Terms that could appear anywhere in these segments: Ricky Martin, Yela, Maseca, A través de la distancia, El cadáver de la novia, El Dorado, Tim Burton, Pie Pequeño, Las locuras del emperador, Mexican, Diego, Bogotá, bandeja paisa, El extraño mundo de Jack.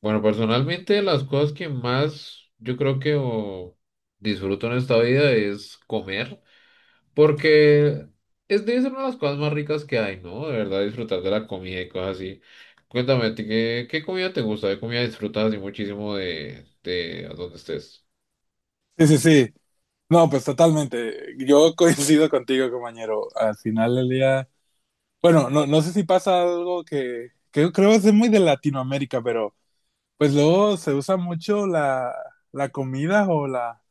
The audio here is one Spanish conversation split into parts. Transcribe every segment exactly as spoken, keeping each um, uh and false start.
Bueno, personalmente las cosas que más yo creo que o, disfruto en esta vida es comer, porque es de ser una de las cosas más ricas que hay, ¿no? De verdad, disfrutar de la comida y cosas así. Cuéntame, ¿a ti ¿qué, qué comida te gusta? ¿Qué comida disfrutas así muchísimo de, de donde estés? Sí, sí, sí. No, pues totalmente. Yo coincido contigo, compañero. Al final del día, bueno, no, no sé si pasa algo que, que yo creo es muy de Latinoamérica, pero pues luego se usa mucho la, la comida o la,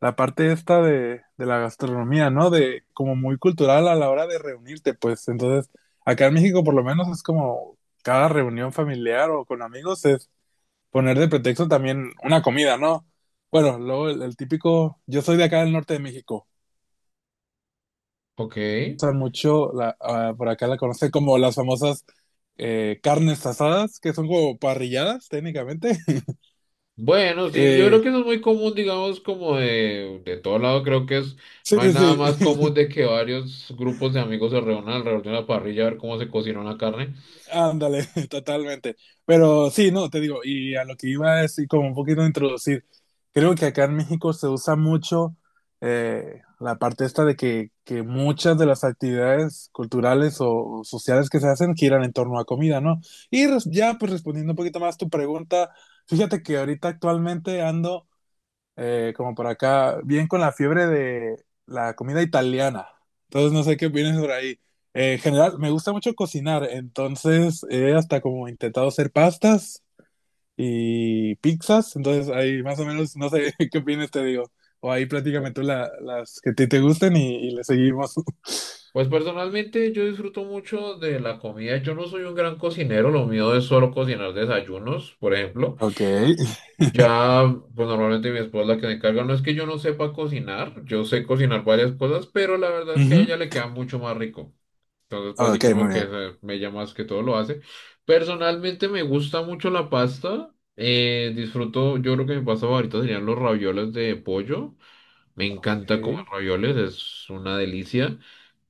la parte esta de, de la gastronomía, ¿no? De como muy cultural a la hora de reunirte, pues. Entonces, acá en México por lo menos es como cada reunión familiar o con amigos es poner de pretexto también una comida, ¿no? Bueno, luego el, el típico, yo soy de acá del norte de México, Ok. usan mucho, la, ah, por acá la conocen como las famosas eh, carnes asadas, que son como parrilladas técnicamente. Bueno, sí, yo creo Eh, que eso es muy común, digamos, como de, de todo lado, creo que es, sí, no hay nada sí, más común sí. de que varios grupos de amigos se reúnan alrededor de una parrilla a ver cómo se cocina una carne. Ándale, totalmente. Pero sí, no, te digo, y a lo que iba es decir, como un poquito introducir, creo que acá en México se usa mucho eh, la parte esta de que, que muchas de las actividades culturales o sociales que se hacen giran en torno a comida, ¿no? Y res- ya, pues respondiendo un poquito más tu pregunta, fíjate que ahorita actualmente ando eh, como por acá, bien con la fiebre de la comida italiana. Entonces no sé qué opinas por ahí. Eh, en general, me gusta mucho cocinar, entonces he hasta como intentado hacer pastas y pizzas, entonces ahí más o menos, no sé qué opinas, te digo. O ahí platícame tú la- las que a ti te gusten y, y le seguimos. Pues personalmente yo disfruto mucho de la comida. Yo no soy un gran cocinero, lo mío es solo cocinar desayunos, por ejemplo. Ok. Ya, pues normalmente mi esposa es la que se encarga. No es que yo no sepa cocinar, yo sé cocinar varias cosas, pero la verdad es que Ujú. a ella le queda mucho más rico. Entonces, pues sí, Ok, como muy que eh, ella más que todo lo hace. Personalmente me gusta mucho la pasta. Eh, disfruto, yo creo que mi pasta favorita serían los ravioles de pollo. Me encanta comer bien. ravioles, es una delicia.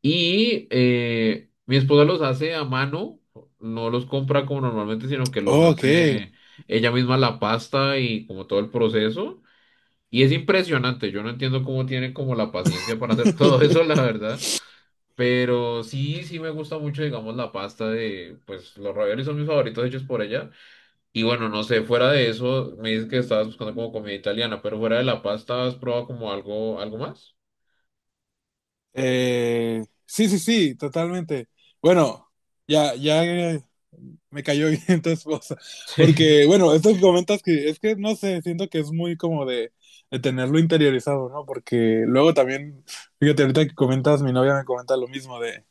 Y eh, mi esposa los hace a mano, no los compra como normalmente, sino que los Ok. hace ella misma la pasta y como todo el proceso. Y es impresionante, yo no entiendo cómo tiene como la paciencia para hacer todo eso, Ok. la verdad. Pero sí, sí me gusta mucho, digamos, la pasta de, pues los raviolis son mis favoritos hechos por ella. Y bueno, no sé, fuera de eso, me dices que estabas buscando como comida italiana, pero fuera de la pasta, ¿has probado como algo, algo más? Eh, sí, sí, sí, totalmente. Bueno, ya, ya eh, me cayó bien tu esposa. Sí, Porque, bueno, esto que comentas que es que no sé, siento que es muy como de, de tenerlo interiorizado, ¿no? Porque luego también, fíjate, ahorita que comentas, mi novia me comenta lo mismo de,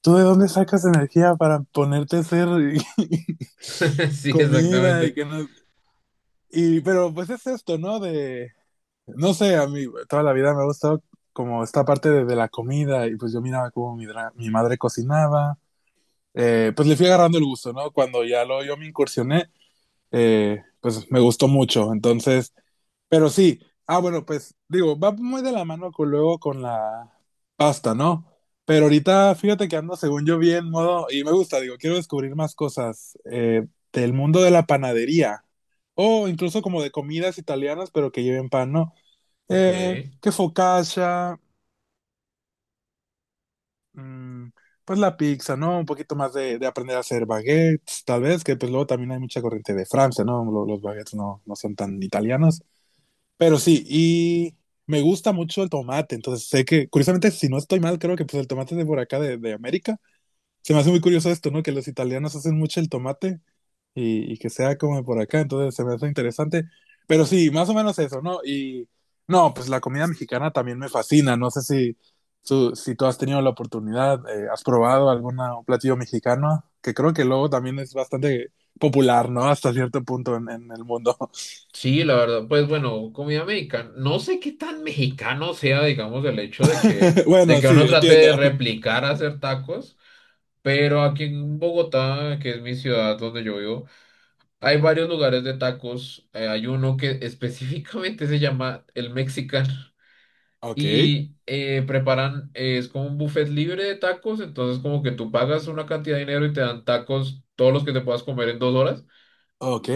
¿tú de dónde sacas energía para ponerte a hacer sí, comida y exactamente. que no... Y, pero pues es esto, ¿no? De, no sé, a mí toda la vida me ha gustado como esta parte de, de la comida y pues yo miraba cómo mi, dra- mi madre cocinaba. Eh, pues le fui agarrando el gusto, ¿no? Cuando ya lo yo me incursioné, eh, pues me gustó mucho. Entonces, pero sí, ah, bueno, pues digo, va muy de la mano con, luego con la pasta, ¿no? Pero ahorita fíjate que ando, según yo, bien modo, y me gusta, digo, quiero descubrir más cosas eh, del mundo de la panadería o incluso como de comidas italianas, pero que lleven pan, ¿no? Ok. Eh, que focaccia, mm, pues la pizza, ¿no? Un poquito más de, de aprender a hacer baguettes, tal vez, que pues luego también hay mucha corriente de Francia, ¿no? Lo- los, baguettes no, no son tan italianos, pero sí, y me gusta mucho el tomate, entonces sé que, curiosamente, si no estoy mal, creo que pues el tomate es de por acá, de, de América. Se me hace muy curioso esto, ¿no? Que los italianos hacen mucho el tomate y, y que sea como por acá, entonces se me hace interesante. Pero sí, más o menos eso, ¿no? Y no, pues la comida mexicana también me fascina, no sé si, tú- si tú has tenido la oportunidad, eh, has probado algún platillo mexicano, que creo que luego también es bastante popular, ¿no? Hasta cierto punto en, en el mundo. Sí, la verdad, pues bueno, comida mexicana. No sé qué tan mexicano sea, digamos, el hecho de que, de Bueno, que uno sí, trate entiendo. de replicar hacer tacos, pero aquí en Bogotá, que es mi ciudad donde yo vivo, hay varios lugares de tacos. Eh, hay uno que específicamente se llama el Mexican Ok, y eh, preparan, eh, es como un buffet libre de tacos, entonces como que tú pagas una cantidad de dinero y te dan tacos, todos los que te puedas comer en dos horas. ok.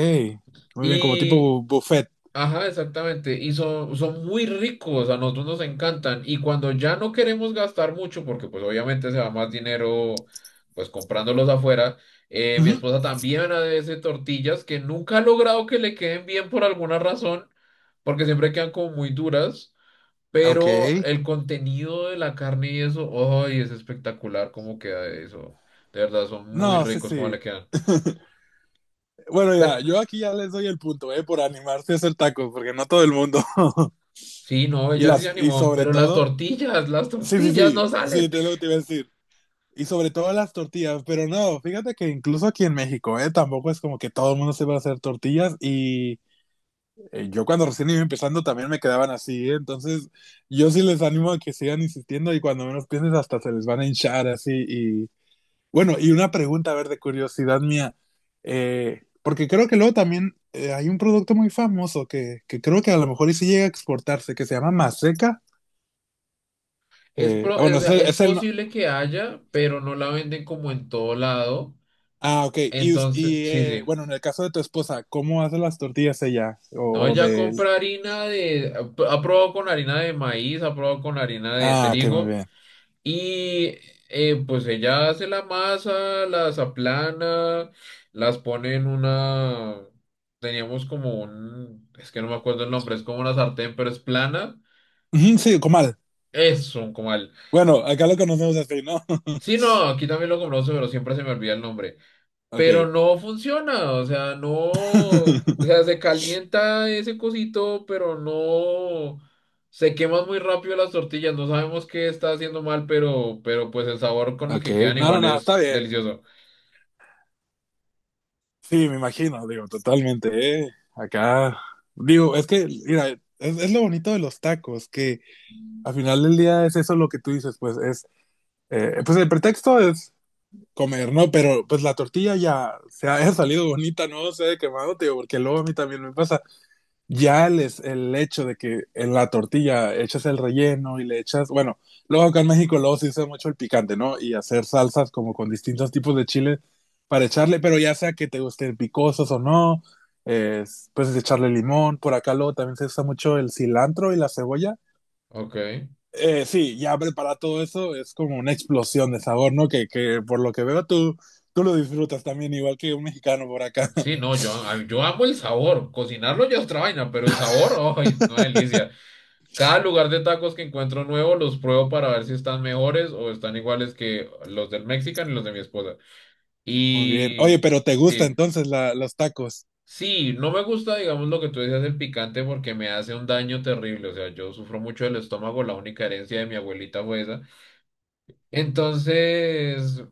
Muy bien, como Y tipo buffet. ajá, exactamente. Y son, son muy ricos, a nosotros nos encantan. Y cuando ya no queremos gastar mucho, porque pues obviamente se va más dinero pues comprándolos afuera, eh, mi Ujú. esposa también hace tortillas que nunca ha logrado que le queden bien por alguna razón, porque siempre quedan como muy duras, Ok. pero el contenido de la carne y eso, ¡ay, es espectacular cómo queda eso! De verdad, son muy No, sí, ricos cómo le sí. quedan. Bueno, Pero mira, yo aquí ya les doy el punto, ¿eh? Por animarse a hacer tacos, porque no todo el mundo. sí, no, Y ella sí se las, y animó, sobre pero las todo, tortillas, las sí, sí, tortillas no sí, sí, salen. te lo que te iba a decir. Y sobre todo las tortillas, pero no, fíjate que incluso aquí en México, ¿eh? Tampoco es como que todo el mundo se va a hacer tortillas y eh, yo cuando recién iba empezando también me quedaban así, ¿eh? Entonces, yo sí les animo a que sigan insistiendo y cuando menos pienses hasta se les van a hinchar así y bueno, y una pregunta, a ver, de curiosidad mía, eh, porque creo que luego también eh, hay un producto muy famoso que, que creo que a lo mejor y sí llega a exportarse, que se llama Maseca. Es, Eh, pro- ah, o bueno, es sea, el, es es el no- posible que haya, pero no la venden como en todo lado. ah, ok. Y, us- Entonces, y, sí, eh, sí. bueno, en el caso de tu esposa, ¿cómo hace las tortillas ella? No, O, o ella de... compra harina de... Ha probado con harina de maíz, ha probado con harina de Ah, que me trigo. bien. Y eh, pues ella hace la masa, las aplana, las pone en una... Teníamos como un... Es que no me acuerdo el nombre, es como una sartén, pero es plana. Ujú, sí, comal. Es un comal. Bueno, acá lo conocemos así, ¿no? Sí, no, aquí también lo compramos, pero siempre se me olvida el nombre. Ok. Pero no funciona, o sea, no, o sea, se calienta ese cosito, pero no, se queman muy rápido las tortillas, no sabemos qué está haciendo mal, pero, pero pues el sabor con el Ok. que quedan No, no, igual no, está es bien. delicioso. Sí, me imagino, digo, totalmente, ¿eh? Acá, digo, es que, mira, es, es lo bonito de los tacos, que al final del día es eso lo que tú dices, pues es, eh, pues el pretexto es comer, ¿no? Pero pues la tortilla ya se ha salido bonita, no se ha quemado, tío, porque luego a mí también me pasa. Ya el, es- el hecho de que en la tortilla echas el relleno y le echas, bueno, luego acá en México luego se usa mucho el picante, ¿no? Y hacer salsas como con distintos tipos de chile para echarle, pero ya sea que te gusten picosos o no, es, puedes echarle limón, por acá luego también se usa mucho el cilantro y la cebolla. Ok, Eh, sí, ya preparar todo eso es como una explosión de sabor, ¿no? Que, que por lo que veo tú, tú lo disfrutas también, igual que un mexicano por acá. sí, no, yo, a- yo amo el sabor, cocinarlo ya es otra vaina, pero el sabor, ay, una delicia. Cada lugar de tacos que encuentro nuevo los pruebo para ver si están mejores o están iguales que los del Mexican y los de mi esposa. Muy bien. Oye, Y... pero ¿te gusta Sí. entonces la, los tacos? Sí, no me gusta, digamos, lo que tú decías del picante porque me hace un daño terrible. O sea, yo sufro mucho del estómago, la única herencia de mi abuelita fue esa. Entonces,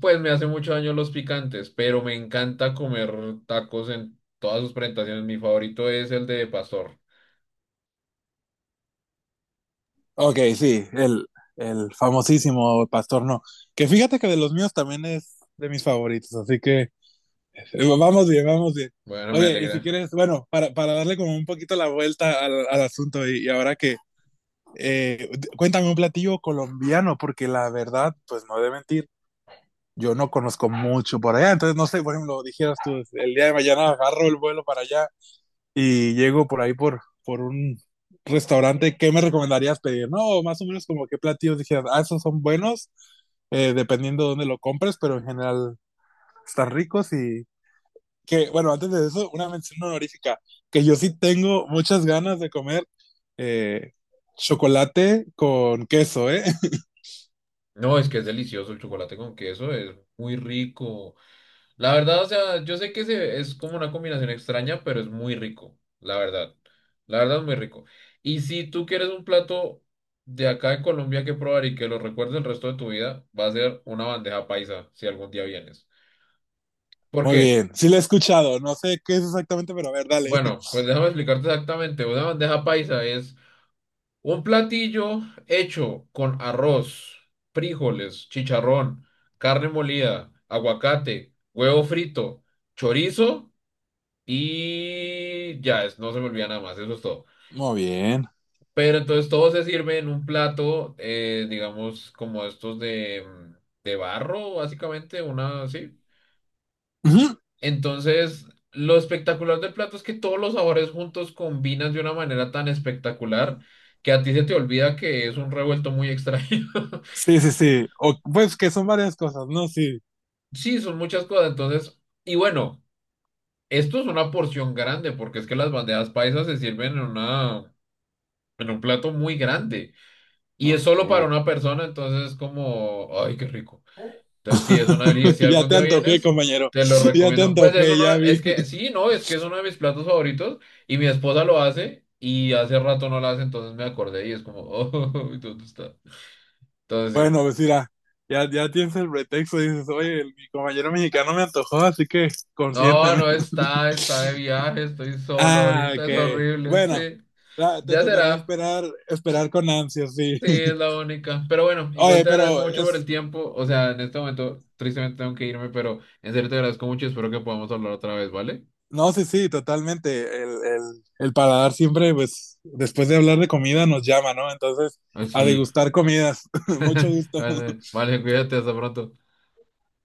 pues me hace mucho daño los picantes, pero me encanta comer tacos en todas sus presentaciones. Mi favorito es el de pastor. Ok, sí, el, el famosísimo Pastor No. Que fíjate que de los míos también es de mis favoritos, así que eh, vamos bien, vamos bien. Bueno, me Oye, y si alegra. quieres, bueno, para, para darle como un poquito la vuelta al, al asunto y, y ahora que, eh, d- cuéntame un platillo colombiano, porque la verdad, pues no he de mentir, yo no conozco mucho por allá, entonces no sé, por ejemplo, dijeras tú, el día de mañana agarro el vuelo para allá y llego por ahí por, por un restaurante, ¿qué me recomendarías pedir? No, más o menos como qué platillos dijeras, ah, esos son buenos, eh, dependiendo de dónde lo compres, pero en general están ricos y que, bueno, antes de eso, una mención honorífica, que yo sí tengo muchas ganas de comer eh, chocolate con queso, ¿eh? No, es que es delicioso el chocolate con queso, es muy rico. La verdad, o sea, yo sé que se- es como una combinación extraña, pero es muy rico, la verdad. La verdad es muy rico. Y si tú quieres un plato de acá de Colombia que probar y que lo recuerdes el resto de tu vida, va a ser una bandeja paisa, si algún día vienes. ¿Por Muy qué? bien, sí lo he escuchado, no sé qué es exactamente, pero a ver, dale. Bueno, pues déjame explicarte exactamente. Una bandeja paisa es un platillo hecho con arroz, frijoles, chicharrón, carne molida, aguacate, huevo frito, chorizo. Y ya, es- no se me olvida nada más, eso es todo. Muy bien. Pero entonces todo se sirve en un plato, eh, digamos, como estos de, de barro, básicamente, una así. Ujú. Entonces, lo espectacular del plato es que todos los sabores juntos combinan de una manera tan espectacular que a ti se te olvida que es un revuelto muy extraño. Sí, sí, sí. O, pues que son varias cosas, ¿no? Sí. Sí, son muchas cosas, entonces, y bueno, esto es una porción grande, porque es que las bandejas paisas se sirven en una, en un plato muy grande. Y es Ok. solo para una persona, entonces es como, ay, qué rico. Entonces, sí, es una delicia. Si ya algún te día antojé, vienes, compañero. te lo Ya te recomiendo. Pues es antojé, uno, ya vi. es que, sí, no, es que es uno de mis platos favoritos y mi esposa lo hace y hace rato no lo hace, entonces me acordé y es como, oh, ¿dónde está? Entonces, sí. Bueno, pues mira, ya, ya tienes el pretexto. Dices, oye, el- mi compañero mexicano me antojó, así que No, consiénteme. no está, está de viaje, estoy solo Ah, ahorita, es ok. horrible, Bueno, sí. la- te Ya tocará será. esperar, esperar con ansias, sí. Sí, es la única. Pero bueno, igual Oye, te agradezco pero mucho por el es. tiempo. O sea, en este momento, tristemente tengo que irme, pero en serio te agradezco mucho y espero que podamos hablar otra vez, ¿vale? No, sí, sí, totalmente. El, el, el paladar siempre, pues, después de hablar de comida, nos llama, ¿no? Entonces, Ah, a sí, degustar comidas. Mucho gusto. vale, cuídate, hasta pronto.